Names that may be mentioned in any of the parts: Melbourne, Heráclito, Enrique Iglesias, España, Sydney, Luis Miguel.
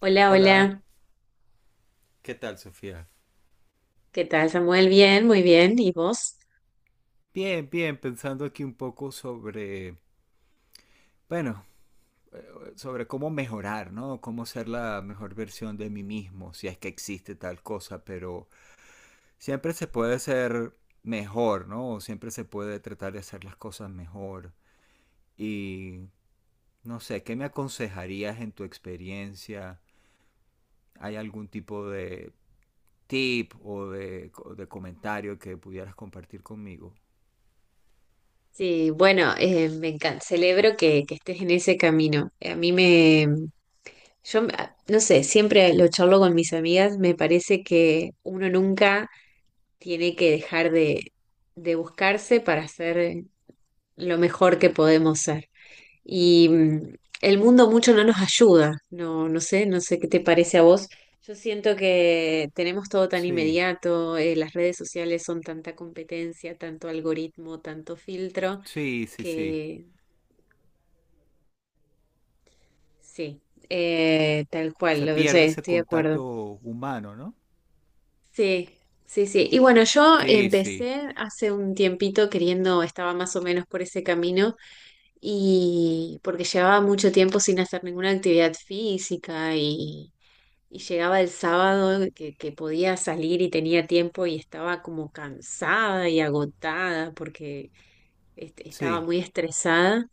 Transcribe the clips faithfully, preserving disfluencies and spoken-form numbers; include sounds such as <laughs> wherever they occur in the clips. Hola, Hola. hola. ¿Qué tal, Sofía? ¿Qué tal, Samuel? Bien, muy bien. ¿Y vos? Bien, bien, pensando aquí un poco sobre, bueno, eh, sobre cómo mejorar, ¿no? Cómo ser la mejor versión de mí mismo, si es que existe tal cosa, pero siempre se puede ser mejor, ¿no? O siempre se puede tratar de hacer las cosas mejor. Y no sé, ¿qué me aconsejarías en tu experiencia? ¿Hay algún tipo de tip o de, o de comentario que pudieras compartir conmigo? Sí, bueno, eh, me encanta. Celebro que, que estés en ese camino. A mí me, yo, me- ah, no sé, siempre lo charlo con mis amigas. Me parece que uno nunca tiene que dejar de, de buscarse para ser lo mejor que podemos ser. Y mm, el mundo mucho no nos ayuda, no, no sé, no sé qué te parece a vos. Yo siento que tenemos todo tan Sí, inmediato, eh, las redes sociales son tanta competencia, tanto algoritmo, tanto filtro, sí, sí, sí. que sí, eh, tal cual, Se lo sé, pierde ese estoy de acuerdo. contacto humano, ¿no? Sí, sí, sí. Y bueno, yo Sí, sí, empecé hace un tiempito queriendo, estaba más o menos por ese camino y porque llevaba mucho tiempo sin hacer ninguna actividad física y Y llegaba el sábado que, que podía salir y tenía tiempo y estaba como cansada y agotada porque est- estaba sí. muy estresada.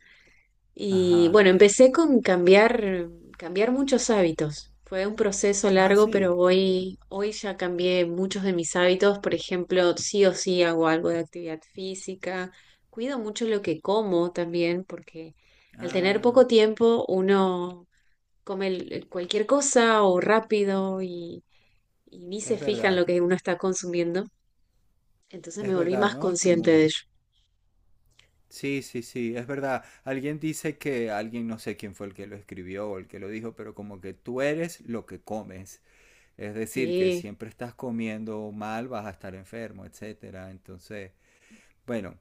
Y Ajá. bueno, empecé con cambiar, cambiar muchos hábitos. Fue un proceso Ah, largo, pero sí. hoy, hoy ya cambié muchos de mis hábitos. Por ejemplo, sí o sí hago algo de actividad física. Cuido mucho lo que como también, porque al tener Ah, poco tiempo uno come el- cualquier cosa o rápido y y ni se es fija en verdad. lo que uno está consumiendo. Entonces me Es volví verdad, más ¿no? consciente de Como... ello. Sí, sí, sí, es verdad. Alguien dice que alguien, no sé quién fue el que lo escribió o el que lo dijo, pero como que tú eres lo que comes. Es decir, que Sí, siempre estás comiendo mal, vas a estar enfermo, etcétera. Entonces, bueno,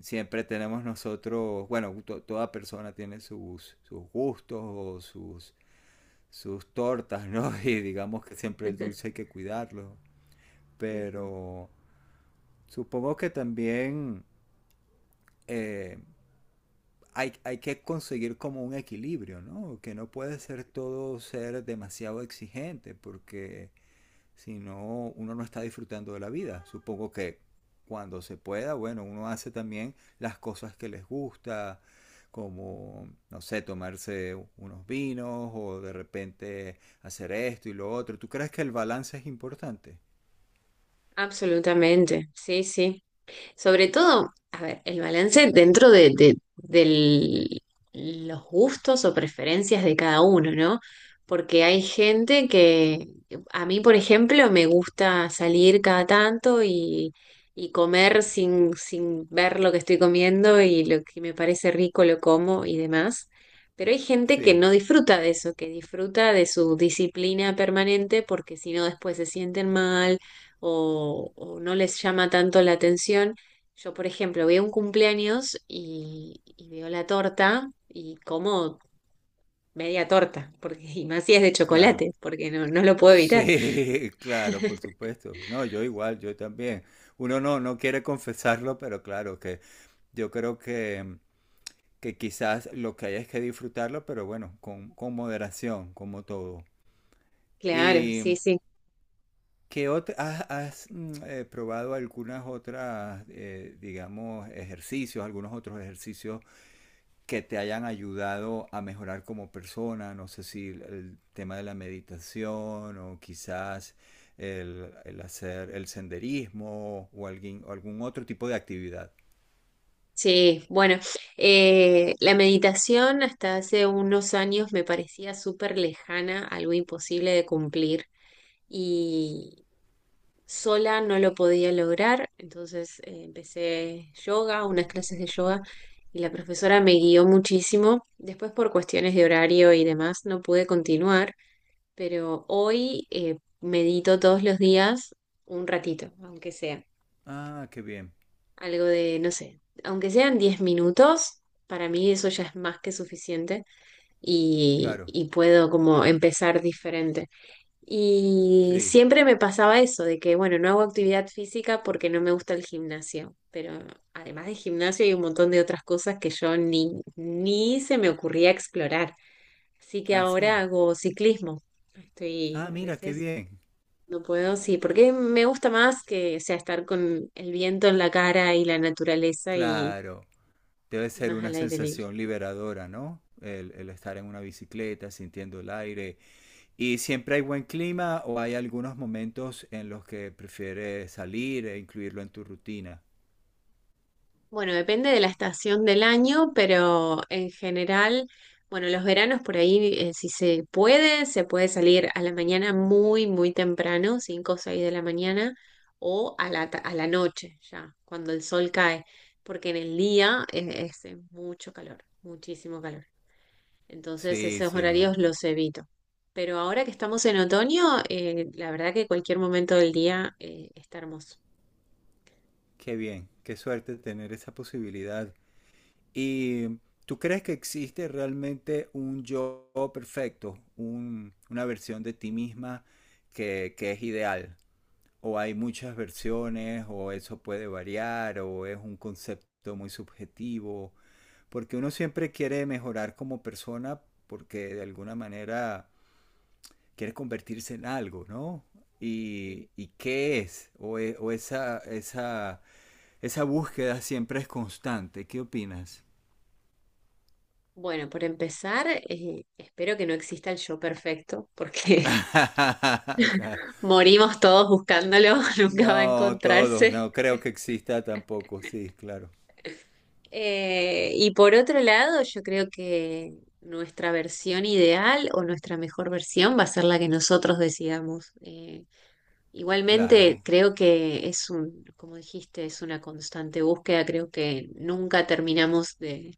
siempre tenemos nosotros, bueno, to- toda persona tiene sus, sus gustos o sus sus tortas, ¿no? <laughs> Y digamos que siempre el dulce <laughs> hay que cuidarlo. ujú. Pero supongo que también eh, hay, hay, que conseguir como un equilibrio, ¿no? Que no puede ser todo ser demasiado exigente, porque si no, uno no está disfrutando de la vida. Supongo que cuando se pueda, bueno, uno hace también las cosas que les gusta, como, no sé, tomarse unos vinos o de repente hacer esto y lo otro. ¿Tú crees que el balance es importante? Absolutamente. Sí, sí. Sobre todo, a ver, el balance dentro de, de- del- los gustos o preferencias de cada uno, ¿no? Porque hay gente que, a mí, por ejemplo, me gusta salir cada tanto y, y comer sin, sin ver lo que estoy comiendo y lo que me parece rico lo como y demás. Pero hay gente que Sí, no disfruta de eso, que disfruta de su disciplina permanente porque si no después se sienten mal o, o no les llama tanto la atención. Yo, por ejemplo, veo un cumpleaños y, y veo la torta y como media torta, porque, y más si es de claro. chocolate, porque no, no lo puedo evitar. Sí, <laughs> claro, por supuesto. No, yo igual, yo también. Uno no, no quiere confesarlo, pero claro que yo creo que que quizás lo que hay es que disfrutarlo, pero bueno, con, con moderación, como todo. Claro, sí, ¿Y sí. qué otra, has, has mm, eh, probado algunas otras, eh, digamos, ejercicios, algunos otros ejercicios que te hayan ayudado a mejorar como persona? No sé si el, el tema de la meditación o quizás el, el hacer el senderismo o alguien, o algún otro tipo de actividad. Sí, bueno, eh, la meditación hasta hace unos años me parecía súper lejana, algo imposible de cumplir. Y, Sola no lo podía lograr, entonces eh, empecé yoga, unas clases de yoga, y la profesora me guió muchísimo. Después por cuestiones de horario y demás no pude continuar, pero hoy eh, medito todos los días un ratito, aunque sea Ah, qué bien, algo de, no sé, aunque sean diez minutos, para mí eso ya es más que suficiente y, claro, y puedo como empezar diferente. Y sí. siempre me pasaba eso, de que, bueno, no hago actividad física porque no me gusta el gimnasio, pero además de gimnasio hay un montón de otras cosas que yo ni, ni se me ocurría explorar. Así que Ah, ahora sí. hago ciclismo. Estoy, Ah, a mira, qué veces bien. no puedo, sí, porque me gusta más que, o sea, estar con el viento en la cara y la naturaleza y Claro, debe ser más una al aire libre. sensación liberadora, ¿no? El, el estar en una bicicleta, sintiendo el aire. ¿Y siempre hay buen clima o hay algunos momentos en los que prefieres salir e incluirlo en tu rutina? Bueno, depende de la estación del año, pero en general, bueno, los veranos por ahí, eh, si se puede, se puede salir a la mañana muy, muy temprano, cinco o seis de la mañana, o a la, ta- a la noche ya, cuando el sol cae, porque en el día eh, es, es eh, mucho calor, muchísimo calor. Entonces Sí, esos sí, ¿no? horarios los evito. Pero ahora que estamos en otoño, eh, la verdad que cualquier momento del día, eh, está hermoso. Qué bien, qué suerte tener esa posibilidad. ¿Y tú crees que existe realmente un yo perfecto, un- una versión de ti misma que, que es ideal? ¿O hay muchas versiones, o eso puede variar, o es un concepto muy subjetivo, porque uno siempre quiere mejorar como persona porque de alguna manera quiere convertirse en algo, ¿no? ¿Y, y qué es? O, e- o esa, esa, esa búsqueda siempre es constante. ¿Qué opinas? Bueno, por empezar, eh, espero que no exista el yo perfecto, porque <laughs> Ok. <laughs> morimos todos buscándolo, <laughs> nunca va a No, todos, encontrarse. no creo que exista tampoco, sí, claro, Eh, y por otro lado, yo creo que nuestra versión ideal o nuestra mejor versión va a ser la que nosotros decidamos. Eh, igualmente, claro, creo que es un, como dijiste, es una constante búsqueda, creo que nunca terminamos de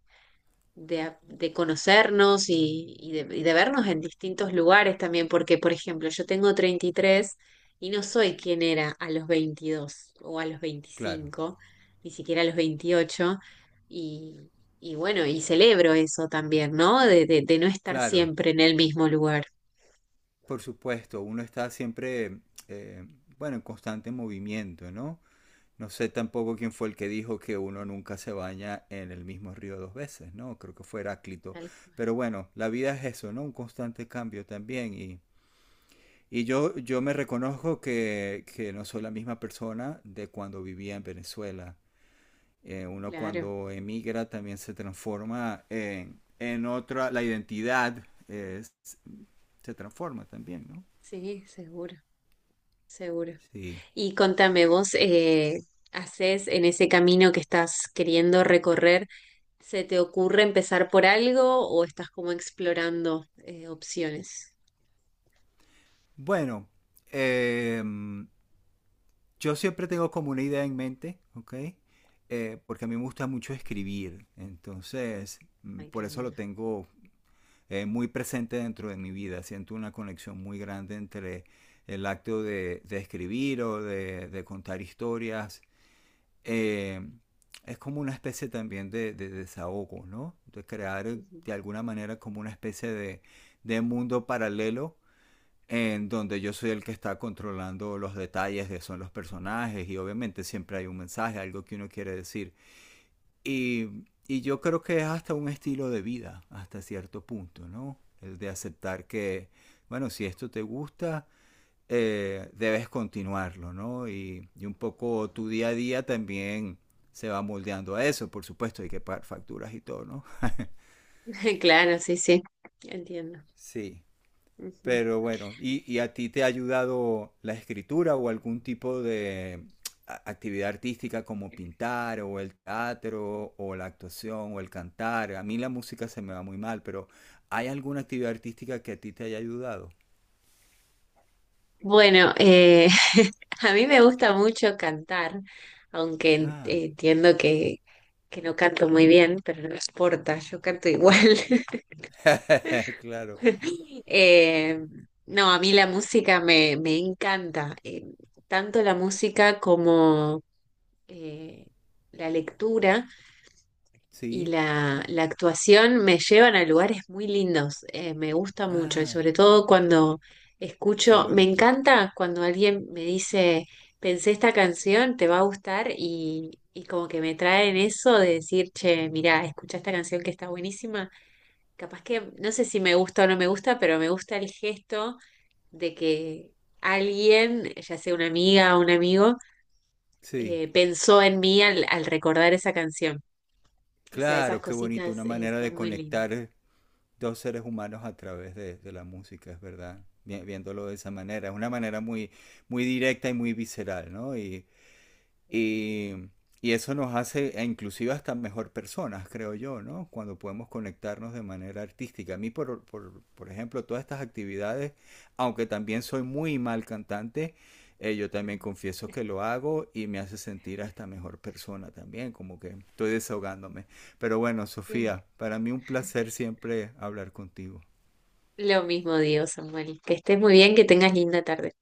de, a- de conocernos y, y de, y de vernos en distintos lugares también, porque, por ejemplo, yo tengo treinta y tres y no soy quien era a los veintidós o a los claro, veinticinco ni siquiera a los veintiocho y, y bueno, y celebro eso también, ¿no? De, de, de no estar claro. siempre en el mismo lugar. Por supuesto, uno está siempre, eh, bueno, en constante movimiento, ¿no? No sé tampoco quién fue el que dijo que uno nunca se baña en el mismo río dos veces, ¿no? Creo que fue Heráclito. Tal cual. Pero bueno, la vida es eso, ¿no? Un constante cambio también. Y, y yo, yo me reconozco que, que no soy la misma persona de cuando vivía en Venezuela. Eh, uno Claro, cuando emigra también se transforma en, en otra, la identidad eh, se transforma también, ¿no? sí, seguro, seguro. Sí. Y contame, vos eh, haces en ese camino que estás queriendo recorrer, ¿se te ocurre empezar por algo o estás como explorando eh, opciones? Bueno, eh, yo siempre tengo como una idea en mente, ¿ok? Eh, porque a mí me gusta mucho escribir, entonces mm, Ay, qué por eso lo lindo. tengo eh, muy presente dentro de mi vida. Siento una conexión muy grande entre el acto de, de escribir o de, de contar historias. Eh, es como una especie también de, de desahogo, ¿no? De crear Ujú. de alguna manera como una especie de, de mundo paralelo en donde yo soy el que está controlando los detalles de son los personajes y obviamente siempre hay un mensaje, algo que uno quiere decir. Y, y yo creo que es hasta un estilo de vida, hasta cierto punto, ¿no? El de aceptar que, bueno, si esto te gusta, eh, debes continuarlo, ¿no? Y, y, un poco tu día a día también se va moldeando a eso, por supuesto, hay que pagar facturas y todo, ¿no? <laughs> Claro, sí, sí, entiendo. Sí. Ujú. Pero bueno, ¿y, y a ti te ha ayudado la escritura o algún tipo de a- actividad artística como pintar o el teatro o la actuación o el cantar? A mí la música se me va muy mal, pero ¿hay alguna actividad artística que a ti te haya ayudado? Bueno, eh, <laughs> a mí me gusta mucho cantar, aunque en- Ah, entiendo que, que no canto muy bien, pero no importa, yo canto igual. <laughs> <laughs> claro, Eh, no, a mí la música me, me encanta, eh, tanto la música como eh, la lectura. Y sí. la, la actuación me llevan a lugares muy lindos, eh, me gusta mucho y Ah, sobre todo cuando qué escucho, me bonito. encanta cuando alguien me dice, pensé esta canción, te va a gustar y, y como que me traen eso de decir, che, mirá, escucha esta canción que está buenísima, capaz que no sé si me gusta o no me gusta, pero me gusta el gesto de que alguien, ya sea una amiga o un amigo, Sí, eh, pensó en mí al al recordar esa canción. O sea, esas claro, qué bonito, cositas una eh, manera de son muy lindas. conectar dos seres humanos a través de, de la música, es verdad, viéndolo de esa manera. Es una manera muy, muy directa y muy visceral, ¿no? Y y, y eso nos hace e inclusive hasta mejor personas, creo yo, ¿no? Cuando podemos conectarnos de manera artística. A mí, por, por, por ejemplo, todas estas actividades, aunque también soy muy mal cantante, eh, yo también confieso que lo hago y me hace sentir hasta mejor persona también, como que estoy desahogándome. Pero bueno, Sí. Sofía, para mí un placer siempre hablar contigo. Lo mismo digo, Samuel. Que estés muy bien, que tengas linda tarde.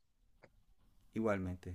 Igualmente.